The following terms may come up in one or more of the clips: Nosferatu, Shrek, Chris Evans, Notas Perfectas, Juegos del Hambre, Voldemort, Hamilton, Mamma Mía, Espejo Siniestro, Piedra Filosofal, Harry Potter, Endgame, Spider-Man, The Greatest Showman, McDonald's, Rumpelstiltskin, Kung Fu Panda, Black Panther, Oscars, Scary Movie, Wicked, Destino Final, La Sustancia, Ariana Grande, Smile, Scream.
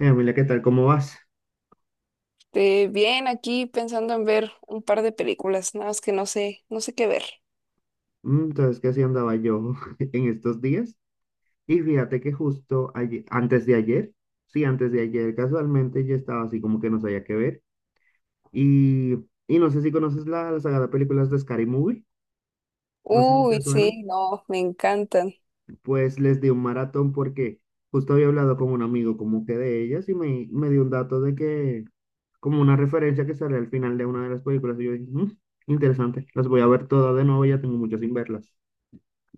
Emilia, ¿qué tal? ¿Cómo vas? Bien, aquí pensando en ver un par de películas, nada más que no sé qué ver. Entonces, que así andaba yo en estos días. Y fíjate que justo antes de ayer, sí, antes de ayer, casualmente yo estaba así como que no sabía qué ver. Y, y no sé si conoces la saga de películas de Scary Movie, no sé si te Uy, suenan. sí, no, me encantan. Pues les di un maratón porque justo había hablado con un amigo como que de ellas y me dio un dato de que, como una referencia que sale al final de una de las películas. Y yo dije, "Mm, interesante, las voy a ver todas de nuevo, ya tengo muchas sin verlas".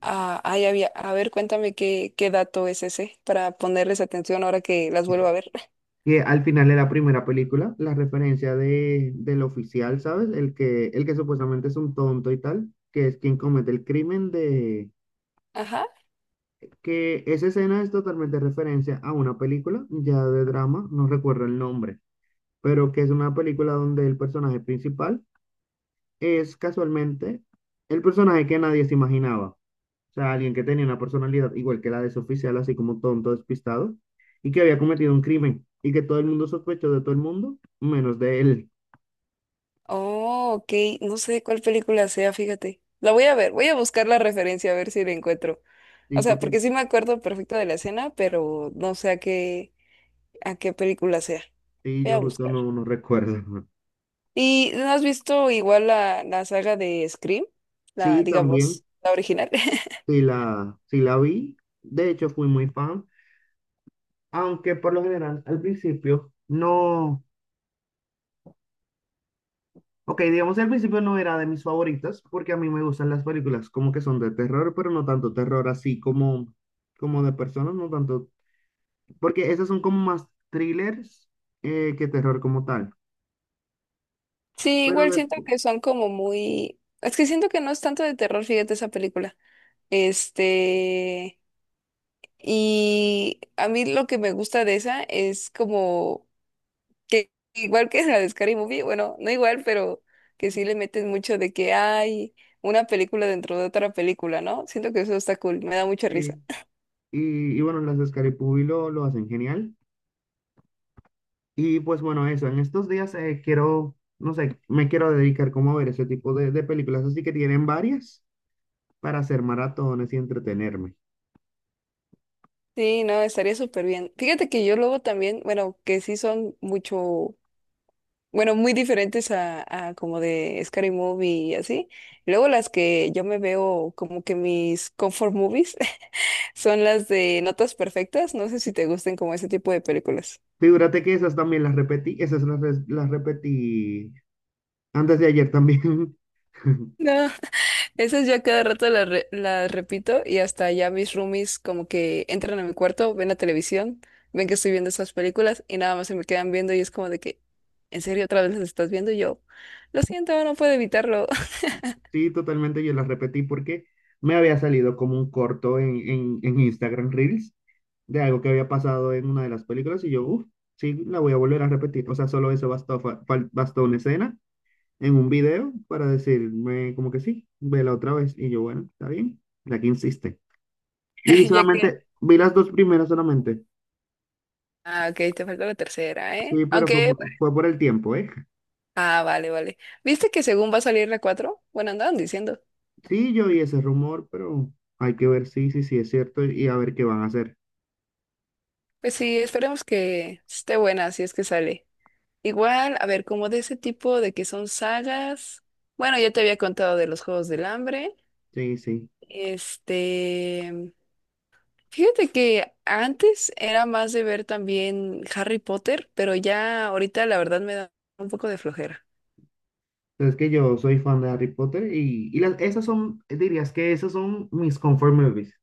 Ah, ay, a ver, cuéntame qué dato es ese para ponerles atención ahora que las vuelvo a ver. Que al final de la primera película, la referencia de, del oficial, ¿sabes? El que supuestamente es un tonto y tal, que es quien comete el crimen de... Ajá. Que esa escena es totalmente referencia a una película, ya de drama, no recuerdo el nombre, pero que es una película donde el personaje principal es casualmente el personaje que nadie se imaginaba. O sea, alguien que tenía una personalidad igual que la de su oficial, así como tonto, despistado, y que había cometido un crimen, y que todo el mundo sospechó de todo el mundo, menos de él. Oh, ok, no sé cuál película sea, fíjate. La voy a ver, voy a buscar la referencia a ver si la encuentro. Sí, O sea, porque porque sí me acuerdo perfecto de la escena, pero no sé a qué película sea. sí, Voy yo a justo buscar. No recuerdo. ¿Y no has visto igual la saga de Scream? La, Sí, también, digamos, la original. Sí la vi. De hecho, fui muy fan, aunque por lo general al principio no. Ok, digamos que al principio no era de mis favoritas porque a mí me gustan las películas como que son de terror, pero no tanto terror así como, como de personas, no tanto, porque esas son como más thrillers que terror como tal. Sí, Pero igual siento después, que son como muy. Es que siento que no es tanto de terror, fíjate esa película. Este... Y a mí lo que me gusta de esa es como que igual que la de Scary Movie, bueno, no igual, pero que sí le meten mucho de que hay una película dentro de otra película, ¿no? Siento que eso está cool, me da mucha eh, risa. Y bueno, las de Scary lo hacen genial. Y pues bueno, eso, en estos días quiero, no sé, me quiero dedicar como a ver ese tipo de películas, así que tienen varias para hacer maratones y entretenerme. Sí, no, estaría súper bien. Fíjate que yo luego también, bueno, que sí son mucho, bueno, muy diferentes a como de Scary Movie y así. Luego las que yo me veo como que mis comfort movies son las de Notas Perfectas. No sé si te gusten como ese tipo de películas. Figúrate que esas también las repetí, esas las repetí antes de ayer también. No, esas ya cada rato las repito y hasta ya mis roomies como que entran a mi cuarto, ven la televisión, ven que estoy viendo esas películas y nada más se me quedan viendo y es como de que, ¿en serio otra vez las estás viendo? Y yo, lo siento, no puedo evitarlo. Sí, totalmente yo la repetí porque me había salido como un corto en Instagram Reels de algo que había pasado en una de las películas y yo, uff, sí, la voy a volver a repetir. O sea, solo eso bastó, bastó una escena en un video para decirme como que sí, vela otra vez. Y yo, bueno, está bien, la que insiste. Y Ya que. solamente, vi las dos primeras solamente. Ah, ok, te falta la tercera, ¿eh? Sí, pero fue Aunque. por, fue por el tiempo, ¿eh? Ah, vale, vale. ¿Viste que según va a salir la cuatro? Bueno, andaban diciendo. Sí, yo oí ese rumor, pero hay que ver si es cierto y a ver qué van a hacer. Pues sí, esperemos que esté buena si es que sale. Igual, a ver, como de ese tipo de que son sagas. Bueno, ya te había contado de los Juegos del Hambre. Sí, sí. Este, Fíjate que antes era más de ver también Harry Potter, pero ya ahorita la verdad me da un poco de flojera. Es que yo soy fan de Harry Potter y las, esas son, dirías que esas son mis comfort movies.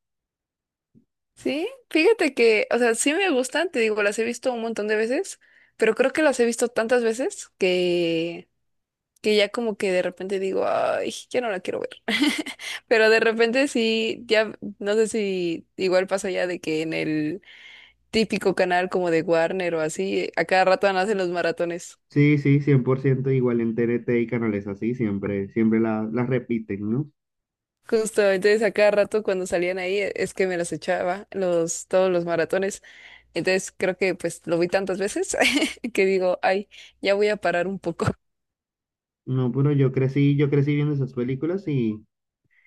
Sí, fíjate que, o sea, sí me gustan, te digo, las he visto un montón de veces, pero creo que las he visto tantas veces que ya como que de repente digo, ay, ya no la quiero ver. Pero de repente sí, ya, no sé si igual pasa ya de que en el típico canal como de Warner o así, a cada rato hacen los maratones. Sí, sí, 100% igual en TNT y canales así, siempre, las repiten, ¿no? Justo, entonces a cada rato cuando salían ahí es que me los echaba, todos los maratones. Entonces creo que pues lo vi tantas veces que digo, ay, ya voy a parar un poco. No, pero yo crecí viendo esas películas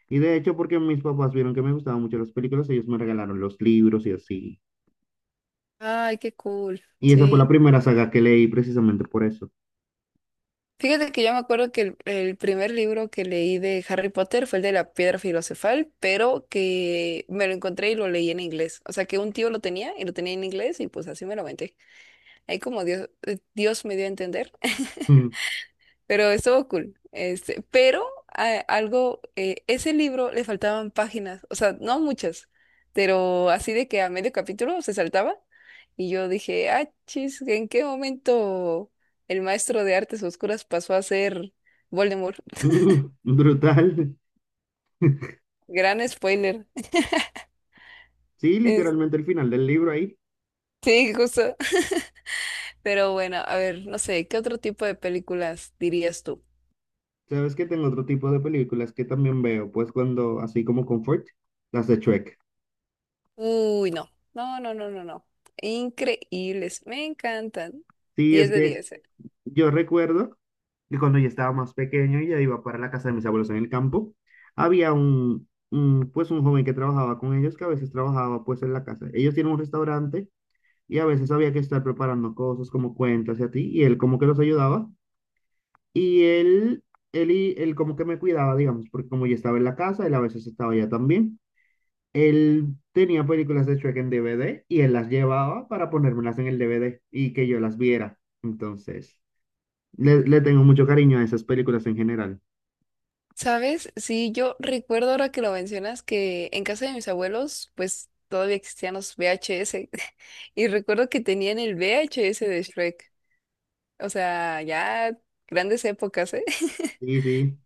y de hecho porque mis papás vieron que me gustaban mucho las películas, ellos me regalaron los libros y así. Ay, qué cool. Y esa fue la Sí. primera saga que leí precisamente por eso. Fíjate que yo me acuerdo que el primer libro que leí de Harry Potter fue el de la Piedra Filosofal, pero que me lo encontré y lo leí en inglés. O sea que un tío lo tenía y lo tenía en inglés y pues así me lo aventé. Ahí como Dios me dio a entender. Pero estuvo cool. Pero algo, ese libro le faltaban páginas, o sea, no muchas, pero así de que a medio capítulo se saltaba y yo dije, ah, chis, ¿en qué momento el maestro de artes oscuras pasó a ser Voldemort? Brutal. Gran spoiler. Sí, Es- literalmente el final del libro ahí. sí, justo. Pero bueno, a ver, no sé, ¿qué otro tipo de películas dirías tú? Sabes que tengo otro tipo de películas que también veo, pues cuando, así como comfort, las de Shrek. Uy, no, no, no, no, no, no. Increíbles, me encantan. Sí, diez es de que diez eh. yo recuerdo que cuando yo estaba más pequeño y ya iba para la casa de mis abuelos en el campo, había un, pues un joven que trabajaba con ellos, que a veces trabajaba pues en la casa. Ellos tienen un restaurante y a veces había que estar preparando cosas como cuentas y a ti, y él como que los ayudaba. Y él, y él como que me cuidaba, digamos, porque como yo estaba en la casa, él a veces estaba allá también. Él tenía películas de Shrek en DVD y él las llevaba para ponérmelas en el DVD y que yo las viera. Entonces, le tengo mucho cariño a esas películas en general. ¿Sabes? Sí, yo recuerdo ahora que lo mencionas que en casa de mis abuelos, pues todavía existían los VHS. Y recuerdo que tenían el VHS de Shrek. O sea, ya grandes épocas, ¿eh? Sí, sí,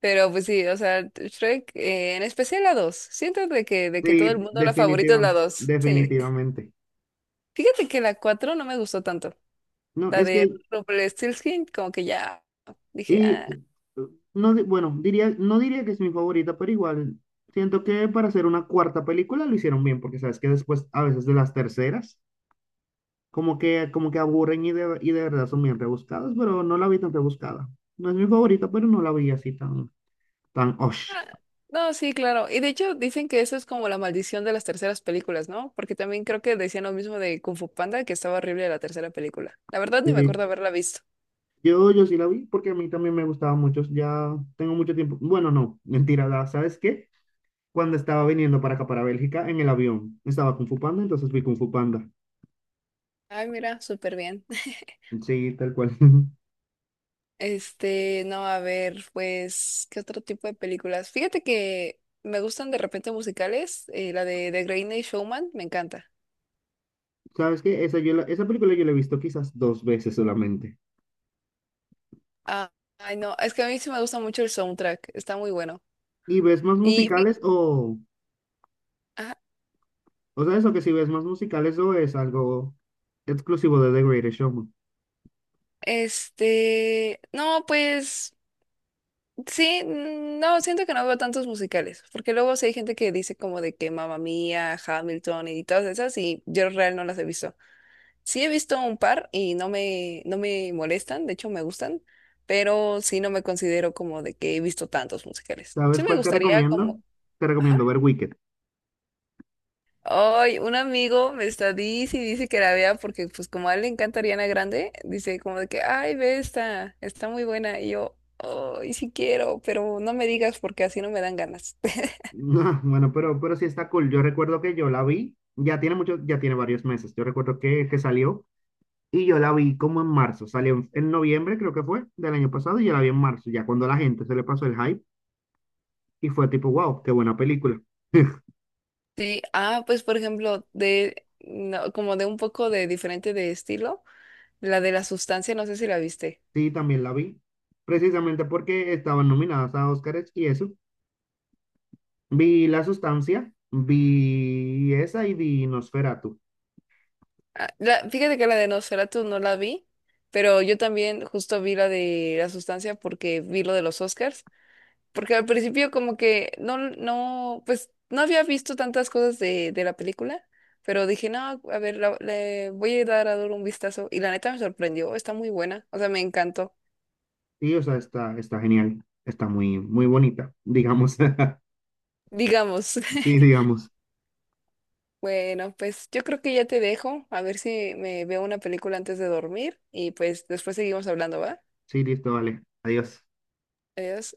Pero pues sí, o sea, Shrek, en especial la dos. Siento de que todo el sí, mundo la favorita es definitiva, la dos. Sí. definitivamente. Fíjate que la 4 no me gustó tanto. No, La es de que, Rumpelstiltskin, como que ya dije. y, no, bueno, diría, no diría que es mi favorita, pero igual, siento que para hacer una cuarta película lo hicieron bien, porque sabes que después, a veces de las terceras, como que, como que aburren y de verdad son bien rebuscadas, pero no la vi tan rebuscada. No es mi favorita, pero no la vi así tan, tan osh. No, sí, claro. Y de hecho dicen que eso es como la maldición de las terceras películas, ¿no? Porque también creo que decían lo mismo de Kung Fu Panda, que estaba horrible la tercera película. La verdad ni me Sí. acuerdo haberla visto. Yo sí la vi porque a mí también me gustaba mucho. Ya tengo mucho tiempo. Bueno, no, mentira, ¿sabes qué? Cuando estaba viniendo para acá, para Bélgica, en el avión, estaba Kung Fu Panda, entonces vi Kung Fu Panda. Ay, mira, súper bien. Sí, tal cual. No, a ver, pues, ¿qué otro tipo de películas? Fíjate que me gustan de repente musicales. La de The Greatest Showman, me encanta. ¿Sabes qué? Esa, esa película yo la he visto quizás 2 veces solamente. Ah, ay, no, es que a mí sí me gusta mucho el soundtrack, está muy bueno. ¿Y ves más Y, fí- musicales o, ajá, O sea, eso que si ves más musical, eso es algo exclusivo de The Greatest Showman. No, pues. Sí, no, siento que no veo tantos musicales, porque luego sí hay gente que dice como de que Mamma Mía, Hamilton y todas esas, y yo real no las he visto. Sí he visto un par y no me molestan, de hecho me gustan, pero sí no me considero como de que he visto tantos musicales. ¿Sabes Sí me cuál te gustaría recomiendo? como, Te ajá. recomiendo ver Wicked. Hoy un amigo me está dice y dice que la vea porque pues como a él le encanta Ariana Grande, dice como de que, ay, ve esta, está muy buena. Y yo, ay, sí quiero, pero no me digas porque así no me dan ganas. Bueno, pero sí está cool. Yo recuerdo que yo la vi, ya tiene mucho, ya tiene varios meses. Yo recuerdo que salió y yo la vi como en marzo. Salió en noviembre, creo que fue, del año pasado y yo la vi en marzo, ya cuando a la gente se le pasó el hype y fue tipo, wow, qué buena película. Sí, ah, pues por ejemplo, de no, como de un poco de diferente de estilo, la de la sustancia, no sé si la viste. Sí, también la vi, precisamente porque estaban nominadas a Oscars y eso. Vi La Sustancia, vi esa y vi Nosferatu. Ah, fíjate que la de Nosferatu no la vi, pero yo también justo vi la de la sustancia porque vi lo de los Oscars. Porque al principio como que no, no, pues no había visto tantas cosas de la película, pero dije, no, a ver, le voy a dar un vistazo. Y la neta me sorprendió, está muy buena, o sea, me encantó, Sí, o sea, está, está genial. Está muy, muy bonita, digamos. digamos. Sí, digamos. Bueno, pues yo creo que ya te dejo, a ver si me veo una película antes de dormir y pues después seguimos hablando, ¿va? Sí, listo, vale. Adiós. Adiós.